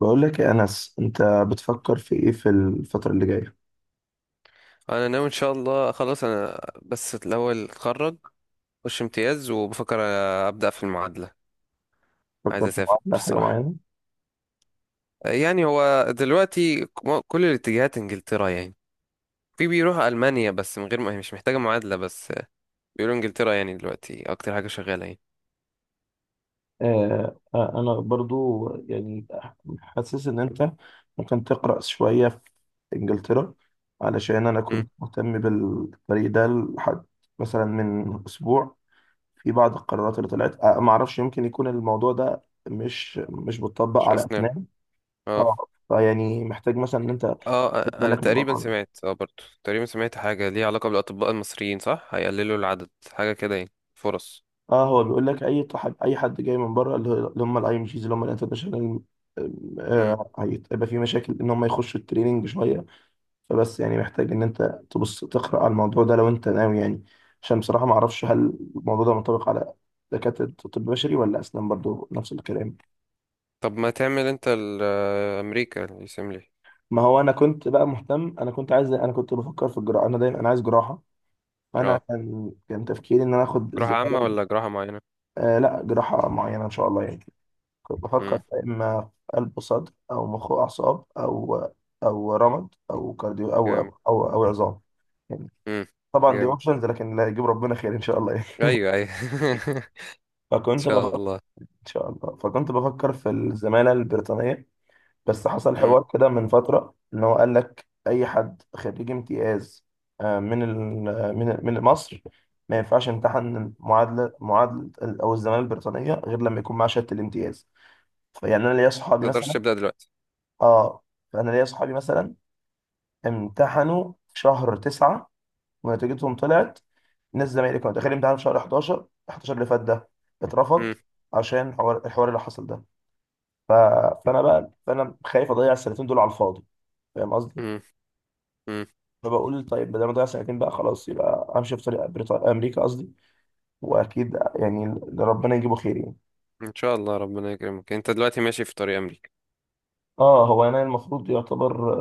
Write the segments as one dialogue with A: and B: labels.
A: بقول لك يا أنس، أنت بتفكر في إيه في الفترة اللي جاية؟
B: انا ناوي ان شاء الله. خلاص انا بس الاول اتخرج، اخش امتياز، وبفكر ابدا في المعادله. عايز
A: فكرت في
B: اسافر
A: معادلة حاجة
B: الصراحه.
A: معينة؟
B: يعني هو دلوقتي كل الاتجاهات انجلترا يعني. في بيروح المانيا بس من غير ما مش محتاجه معادله. بس بيقولوا انجلترا يعني دلوقتي اكتر حاجه شغاله يعني.
A: آه آه، أنا برضو يعني حاسس إن أنت ممكن تقرأ شوية في إنجلترا، علشان أنا
B: امم
A: كنت مهتم بالطريق ده لحد مثلا من أسبوع. في بعض القرارات اللي طلعت معرفش، يمكن يكون الموضوع ده مش بتطبق
B: مش
A: على
B: اسنان.
A: أفنان.
B: اه،
A: أه، فيعني محتاج مثلا إن أنت تاخد
B: اه. انا
A: بالك من
B: تقريبا
A: الموضوع ده.
B: سمعت، برضو تقريبا سمعت حاجه ليها علاقه بالاطباء المصريين. صح، هيقللوا العدد، حاجه كده يعني فرص.
A: اه، هو بيقول لك اي طحب اي حد جاي من بره، اللي هم الاي ام جيز، اللي هم الانترناشونال،
B: مم.
A: هيبقى في مشاكل ان هم يخشوا التريننج شويه. فبس يعني محتاج ان انت تبص تقرا على الموضوع ده لو انت ناوي يعني. عشان بصراحه ما اعرفش هل الموضوع ده منطبق على دكاتره طب بشري ولا اسنان برضو نفس الكلام.
B: طب ما تعمل انت امريكا اللي يسملي.
A: ما هو انا كنت بقى مهتم، انا كنت عايز، انا كنت بفكر في الجراحه، انا دايما انا عايز جراحه.
B: اه.
A: فانا كان تفكيري ان انا اخد
B: جراحة عامة
A: الزماله.
B: ولا جراحة معينة؟
A: آه لا، جراحه معينه ان شاء الله يعني. كنت
B: امم.
A: بفكر يا إما في قلب وصدر، أو مخ وأعصاب، أو رمد، أو كارديو،
B: جامد.
A: أو عظام يعني.
B: امم.
A: طبعا دي
B: جامد.
A: اوبشنز، لكن لا، يجيب ربنا خير إن شاء الله يعني.
B: ايوه، ايوه. ان
A: فكنت
B: شاء
A: بفكر
B: الله.
A: إن شاء الله، فكنت بفكر في الزمالة البريطانية. بس حصل
B: امم.
A: حوار كده من فترة إن هو قال لك أي حد خريج امتياز، من ال- من من مصر، ما ينفعش يمتحن معادلة أو الزمالة البريطانية غير لما يكون معاه شهادة الامتياز. فيعني أنا ليا
B: ما
A: صحابي
B: تقدرش
A: مثلا.
B: تبدأ دلوقتي.
A: اه، فانا ليا صحابي مثلا امتحنوا في شهر 9 ونتيجتهم طلعت. ناس زمايلي كانوا داخلين امتحان في شهر 11 اللي فات ده اترفض،
B: امم.
A: عشان الحوار اللي حصل ده. ف... فانا بقى، فانا خايف اضيع السنتين دول على الفاضي، فاهم قصدي؟
B: امم. امم.
A: فبقول طيب، بدل ما اضيع سنتين بقى خلاص، يبقى امشي في طريق امريكا قصدي. واكيد يعني اللي ربنا يجيبه خير يعني.
B: ان شاء الله ربنا يكرمك. انت دلوقتي ماشي في طريق امريكا.
A: اه، هو انا المفروض يعتبر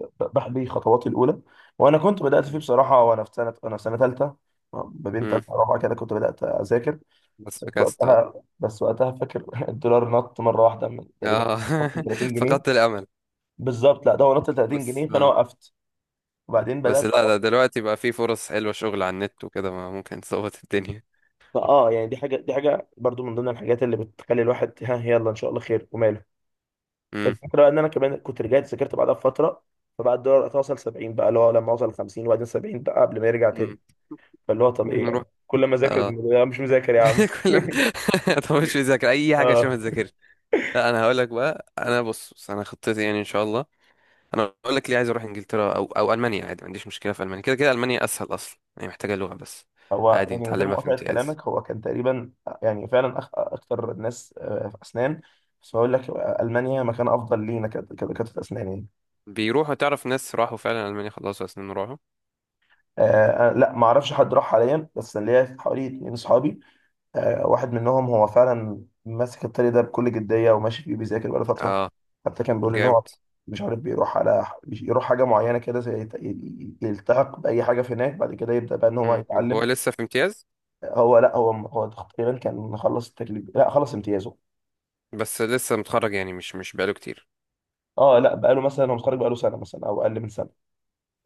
A: بحبي خطواتي الاولى، وانا كنت بدات فيه بصراحه. وانا في سنه، ثالثه. ما بين
B: امم.
A: ثالثه ورابعه كده كنت بدات اذاكر.
B: بس فكست، اه.
A: بس وقتها فاكر الدولار نط مره واحده من تقريبا،
B: اه.
A: نط ل 30 جنيه.
B: فقدت الامل.
A: بالظبط، لا ده هو نط ل 30
B: بس
A: جنيه فانا
B: اه.
A: وقفت. وبعدين
B: بس
A: بدات
B: لا، ده دلوقتي بقى في فرص حلوة، شغل على النت وكده، ما ممكن تظبط الدنيا.
A: اه، يعني دي حاجه، برضو من ضمن الحاجات اللي بتخلي الواحد ها، يلا ان شاء الله خير وماله.
B: امم.
A: الفكره بقى ان انا كمان كنت رجعت ذاكرت بعدها بفتره، فبقى الدولار وقتها وصل 70 بقى، اللي هو لما وصل 50، وبعدين 70 بقى قبل ما يرجع تاني.
B: امم.
A: فاللي هو طب ايه
B: نروح،
A: يعني، كل ما اذاكر.
B: اه.
A: لا، مش مذاكر يا عم
B: كل ما تخش تذاكر اي حاجة عشان
A: اه،
B: ما تذاكرش. لا، انا هقول لك بقى. انا، بص بص، انا خطتي يعني ان شاء الله. انا هقول لك ليه عايز اروح انجلترا او المانيا. عادي ما عنديش مشكله في المانيا. كده كده المانيا اسهل اصلا، يعني محتاجه لغه بس.
A: هو
B: عادي
A: يعني من غير
B: نتعلمها في
A: مقاطعة
B: امتياز.
A: كلامك، هو كان تقريبا، يعني فعلا، اكتر الناس في اسنان. بس بقول لك، المانيا مكان افضل لينا كدكاتره اسنان يعني.
B: بيروحوا. تعرف ناس راحوا فعلا المانيا، خلصوا، سنين راحوا،
A: آه آه، لا ما اعرفش حد راح حاليا، بس ليا حوالي اتنين صحابي. آه، واحد منهم هو فعلا ماسك الطريق ده بكل جديه وماشي فيه بيذاكر بقاله فتره.
B: اه.
A: حتى كان بيقول ان
B: جامد.
A: هو مش عارف بيروح يروح حاجه معينه كده، زي يلتحق باي حاجه في هناك، بعد كده يبدا بقى ان هو
B: مم. هو
A: يتعلم.
B: لسه في امتياز؟
A: هو لا، هو تقريبا كان خلص التكليف، لا خلص امتيازه.
B: بس لسه متخرج، يعني مش بقاله كتير.
A: اه لا، بقاله مثلا هو متخرج بقاله سنه مثلا او اقل من سنه،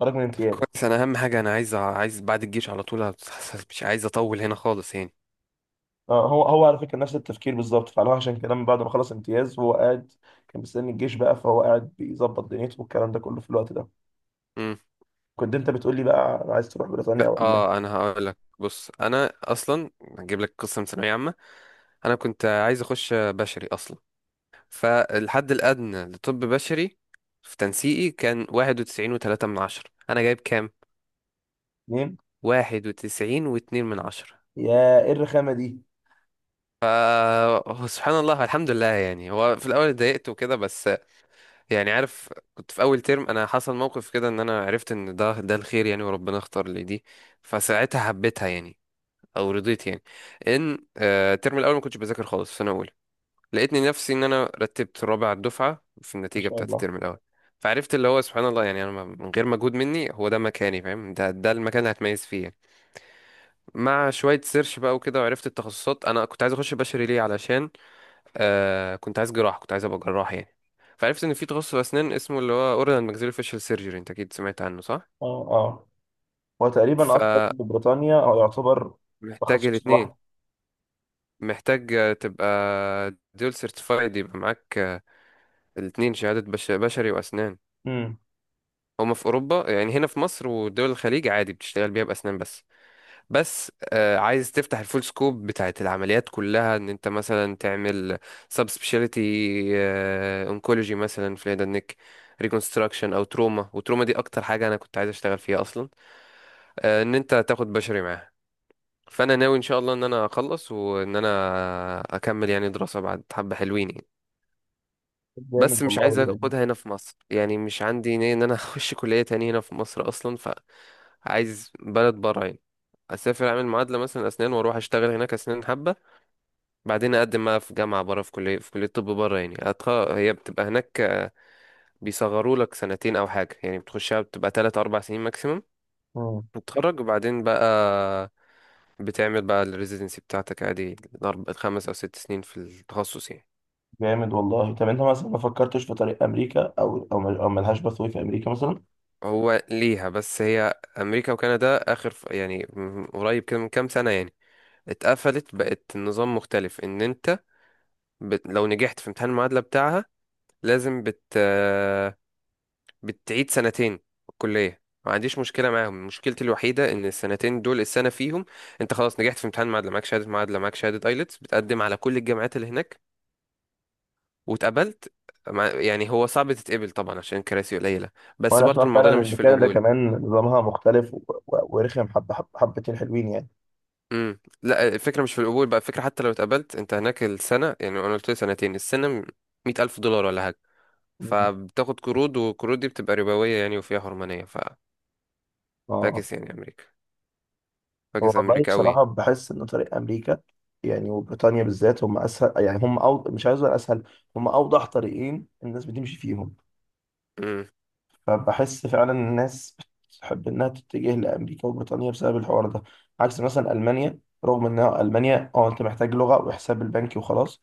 A: خرج من امتياز.
B: كويس. انا اهم حاجه، انا عايز بعد الجيش على طول. مش عايز اطول هنا خالص يعني.
A: آه، هو على فكره نفس التفكير بالظبط فعلا، عشان كده من بعد ما خلص امتياز هو قاعد. كان مستني الجيش بقى، فهو قاعد بيظبط دنيته والكلام ده كله في الوقت ده.
B: مم.
A: كنت انت بتقول لي بقى انا عايز تروح بريطانيا
B: لا،
A: او المانيا.
B: اه، انا هقول لك، بص، انا اصلا هجيب لك قصه من ثانويه عامه. انا كنت عايز اخش بشري اصلا. فالحد الادنى لطب بشري في تنسيقي كان 91.3 من 10. انا جايب كام؟
A: اتنين.
B: 91.2 من 10.
A: يا، ايه الرخامه دي!
B: ف هو سبحان الله، الحمد لله يعني. هو في الاول اتضايقت وكده، بس يعني عارف، كنت في اول ترم، انا حصل موقف كده ان انا عرفت ان ده الخير يعني، وربنا اختار لي دي. فساعتها حبيتها يعني، او رضيت يعني. ان الترم الاول ما كنتش بذاكر خالص، في سنه اولى. لقيتني نفسي ان انا رتبت رابع الدفعه في
A: ما
B: النتيجه
A: شاء
B: بتاعت
A: الله.
B: الترم الاول. فعرفت اللي هو سبحان الله يعني، انا من غير مجهود مني هو ده مكاني، فاهم، ده المكان اللي هتميز فيه يعني. مع شويه سيرش بقى وكده، وعرفت التخصصات. انا كنت عايز اخش بشري ليه؟ علشان آه، كنت عايز ابقى جراح يعني. فعرفت ان في تخصص اسنان اسمه اللي هو اورال اند ماكسيلو فيشل سيرجري. انت اكيد سمعت عنه صح؟
A: اه اه، هو تقريبا اصلا
B: فمحتاج
A: في بريطانيا هو يعتبر تخصص
B: الاثنين.
A: لوحده.
B: محتاج تبقى دول سيرتيفايد. يبقى معاك الاثنين شهاده بشري واسنان.
A: امم.
B: هما في اوروبا يعني. هنا في مصر ودول الخليج عادي بتشتغل بيها باسنان بس. بس عايز تفتح الفول سكوب بتاعت العمليات كلها، ان انت مثلا تعمل سبيشاليتي. اونكولوجي مثلا في الهيد اند نيك ريكونستراكشن، او تروما. وتروما دي اكتر حاجه انا كنت عايز اشتغل فيها اصلا. آه، ان انت تاخد بشري معاها. فانا ناوي ان شاء الله ان انا اخلص وان انا اكمل يعني دراسه بعد، حبه حلوين يعني.
A: جامد
B: بس مش
A: والله
B: عايز
A: يعني.
B: اخدها هنا في مصر يعني، مش عندي نية ان انا اخش كليه تانية هنا في مصر اصلا. عايز بلد بره يعني، اسافر اعمل معادله مثلا اسنان، واروح اشتغل هناك اسنان حبه. بعدين اقدم بقى في جامعه بره، في كليه طب بره يعني. هي بتبقى هناك. بيصغروا لك سنتين او حاجه يعني. بتخشها بتبقى 3 4 سنين ماكسيمم.
A: مم.
B: وتتخرج، وبعدين بقى بتعمل بقى الريزيدنسي بتاعتك عادي، 5 او 6 سنين في التخصص يعني.
A: جامد والله. طب انت مثلا ما فكرتش في طريق امريكا، او او او ملهاش بثوي في امريكا مثلا؟
B: هو ليها بس، هي امريكا وكندا اخر يعني قريب كده من كام سنه يعني. اتقفلت. بقت النظام مختلف، ان انت لو نجحت في امتحان المعادلة بتاعها لازم بت... آه، بتعيد سنتين في الكلية. ما عنديش مشكلة معاهم. مشكلتي الوحيدة ان السنتين دول، السنة فيهم انت خلاص نجحت في امتحان المعادلة، معاك شهادة معادلة، معاك شهادة ايلتس، بتقدم على كل الجامعات اللي هناك، واتقبلت. يعني هو صعب تتقبل طبعا عشان الكراسي قليلة. بس
A: وانا اسمع
B: برضو المعضلة
A: فعلا
B: مش
A: ان
B: في
A: كندا
B: القبول.
A: كمان نظامها مختلف، ورخم حبه، حبتين حلوين يعني.
B: لا، الفكرة مش في القبول بقى. الفكرة حتى لو اتقبلت انت هناك، السنة يعني انا قلت لي سنتين، السنة 100,000 دولار ولا حاجة.
A: مم.
B: فبتاخد قروض، والقروض دي بتبقى ربوية يعني وفيها حرمانية.
A: اه،
B: فاكس يعني أمريكا.
A: هو
B: فاكس
A: والله
B: أمريكا أوي.
A: بصراحه بحس ان طريق امريكا، يعني وبريطانيا بالذات، هم اسهل يعني، هم مش عايز اقول اسهل، هم اوضح طريقين الناس بتمشي فيهم.
B: مم.
A: فبحس فعلا الناس بتحب انها تتجه لامريكا وبريطانيا بسبب الحوار ده. عكس مثلا المانيا، رغم ان المانيا انت محتاج لغه وحساب البنكي وخلاص.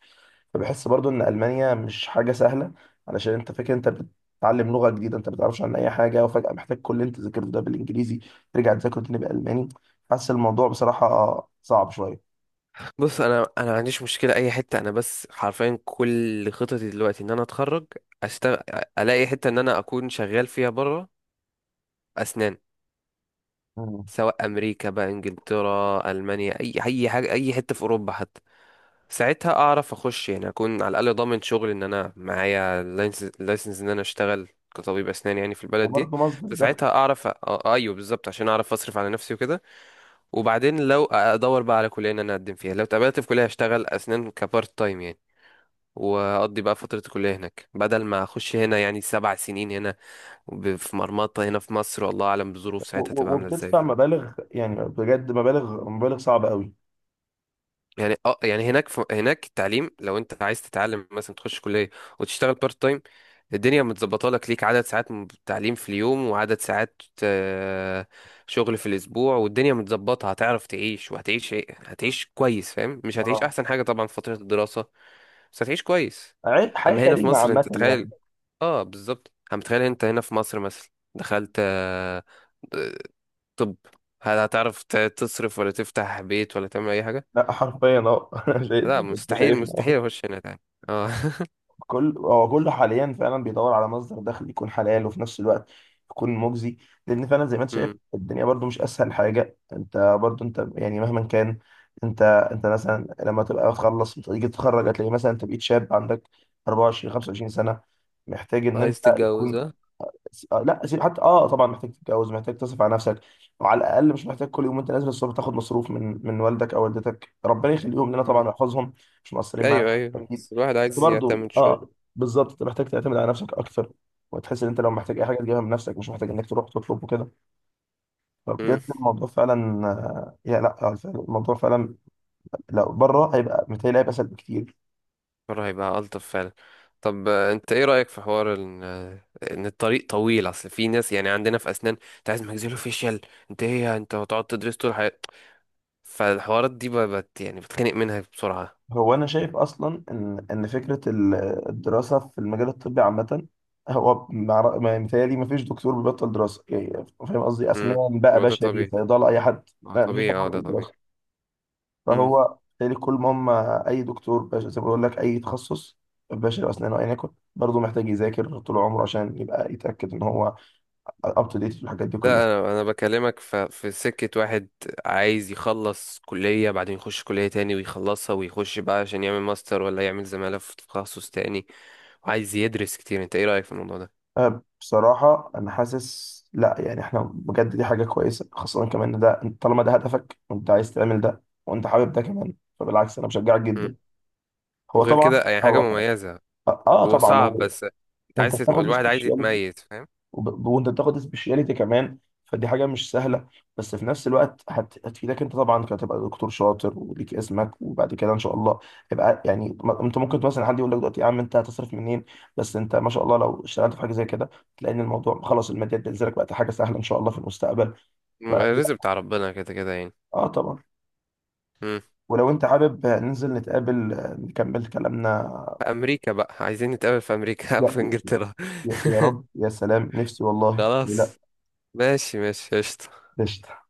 A: فبحس برضو ان المانيا مش حاجه سهله، علشان انت فاكر انت بتتعلم لغه جديده، انت ما بتعرفش عن اي حاجه، وفجاه محتاج كل اللي انت ذاكرته ده بالانجليزي ترجع تذاكره تاني بالالماني. حاسس الموضوع بصراحه صعب شويه.
B: بص، أنا ما عنديش مشكلة أي حتة. أنا بس حرفيا كل خططي دلوقتي إن أنا أتخرج، أشتغل، ألاقي حتة إن أنا أكون شغال فيها بره، أسنان.
A: مم.
B: سواء أمريكا بقى، إنجلترا، ألمانيا، أي حاجة، أي حتة في أوروبا حتى. ساعتها اعرف اخش يعني، اكون على الاقل ضامن شغل ان انا معايا لايسنس ان انا اشتغل كطبيب اسنان يعني في البلد دي.
A: وبرضه مصدر دخل.
B: فساعتها اعرف ايوه بالظبط، عشان اعرف اصرف على نفسي وكده. وبعدين لو ادور بقى على كليه ان انا اقدم فيها، لو اتقبلت في كليه هشتغل اسنان كبارت تايم يعني. واقضي بقى فتره الكليه هناك، بدل ما اخش هنا يعني 7 سنين هنا في مرمطه هنا في مصر، والله اعلم بظروف ساعتها تبقى عامله ازاي.
A: وبتدفع مبالغ يعني بجد، مبالغ مبالغ صعبة قوي.
B: يعني يعني هناك هناك التعليم، لو انت عايز تتعلم مثلا تخش كليه وتشتغل بارت تايم. الدنيا متظبطه لك عدد ساعات تعليم في اليوم، وعدد ساعات شغل في الاسبوع. والدنيا متظبطه، هتعرف تعيش وهتعيش، ايه، هتعيش كويس، فاهم، مش هتعيش
A: اه.
B: احسن حاجه طبعا في فتره الدراسه. بس هتعيش كويس.
A: حياة
B: اما هنا في
A: كريمة
B: مصر
A: عامة
B: انت تخيل.
A: يعني.
B: اه بالظبط، اما تخيل انت هنا في مصر مثلا، دخلت طب، هل هتعرف تصرف ولا تفتح بيت ولا تعمل اي حاجه؟
A: لا حرفيا اه انا شايف
B: لا،
A: انت
B: مستحيل
A: شايفني اه.
B: مستحيل اخش هنا تاني، اه.
A: كل هو كله حاليا فعلا بيدور على مصدر دخل يكون حلال وفي نفس الوقت يكون مجزي. لان فعلا زي ما انت شايف
B: أمم.
A: الدنيا برضو مش اسهل حاجه، انت برضو يعني مهما كان، انت انت مثلا لما تبقى تخلص تيجي تتخرج، هتلاقي مثلا انت بقيت شاب عندك 24 25 سنه، محتاج ان انت
B: عايز تتجوز،
A: يكون.
B: ها؟
A: لا سيب، حتى طبعا محتاج تتجوز، محتاج تصرف على نفسك. وعلى الاقل مش محتاج كل يوم وانت نازل الصبح تاخد مصروف من والدك او والدتك، ربنا يخليهم لنا طبعا
B: أمم.
A: ويحفظهم، مش مقصرين
B: ايوه،
A: معانا
B: ايوه،
A: اكيد.
B: بس الواحد
A: بس
B: عايز
A: برضه
B: يعتمد شويه.
A: اه، بالظبط انت محتاج تعتمد على نفسك اكثر. وتحس ان انت لو محتاج اي حاجه تجيبها من نفسك، مش محتاج انك تروح تطلب وكده.
B: أمم.
A: فبجد الموضوع فعلا، آه، يا لا آه، فعلاً الموضوع فعلا لو بره هيبقى متهيألي هيبقى اسهل بكتير.
B: المره هيبقى الطف فعلا. طب انت ايه رايك في حوار ان الطريق طويل؟ اصل في ناس يعني عندنا في اسنان، انت عايز ماكسيلو فيشيال. انت ايه يعني؟ انت هتقعد تدرس طول حياتك؟ فالحوارات دي بقت يعني بتخنق منها بسرعه.
A: هو انا شايف اصلا ان فكره الدراسه في المجال الطبي عامه، هو متهيألي ما فيش دكتور بيبطل دراسه، يعني فاهم قصدي،
B: امم.
A: اسنان بقى،
B: هو ده
A: بشري،
B: طبيعي.
A: صيدله، اي حد.
B: اه
A: لا ما فيش
B: طبيعي.
A: حد
B: اه، ده
A: بيبطل
B: طبيعي.
A: دراسه، فهو بالتالي كل ما هم، اي دكتور زي ما بقول لك اي تخصص، بشري واسنان وايا يكن، برضه محتاج يذاكر طول عمره عشان يبقى يتاكد ان هو اب تو ديت في الحاجات دي كلها.
B: لا، انا بكلمك في سكه واحد. عايز يخلص كليه بعدين يخش كليه تاني ويخلصها، ويخش بقى عشان يعمل ماستر ولا يعمل زماله في تخصص تاني، وعايز يدرس كتير. انت ايه رايك في الموضوع ده؟
A: أه بصراحة أنا حاسس لأ، يعني إحنا بجد دي حاجة كويسة، خاصة كمان إن ده طالما ده هدفك وأنت عايز تعمل ده وأنت حابب ده كمان، فبالعكس أنا بشجعك جدا.
B: مم.
A: هو
B: وغير
A: طبعا
B: كده يعني حاجه
A: هو،
B: مميزه.
A: آه
B: هو
A: طبعا
B: صعب،
A: هو.
B: بس انت
A: وأنت
B: عايز
A: بتاخد
B: الواحد عايز
A: سبيشاليتي،
B: يتميز، فاهم.
A: وانت بتاخد سبيشاليتي كمان، فدي حاجه مش سهله. بس في نفس الوقت هتفيدك انت طبعا كتبقى دكتور شاطر وليك اسمك، وبعد كده ان شاء الله، يبقى يعني انت ممكن مثلا حد يقول لك دلوقتي يا عم، انت هتصرف منين؟ بس انت ما شاء الله لو اشتغلت في حاجه زي كده تلاقي ان الموضوع خلاص، الماديات بتنزلك، بقت حاجه سهله ان شاء الله في المستقبل. ف-
B: الرزق بتاع ربنا كده كده يعني.
A: اه طبعا.
B: مم.
A: ولو انت حابب ننزل نتقابل، نكمل كلامنا.
B: في امريكا بقى، عايزين نتقابل في امريكا،
A: يا
B: او في انجلترا.
A: يا يا رب، يا سلام، نفسي والله. لا
B: خلاص، ماشي ماشي، قشطة.
A: قشطة.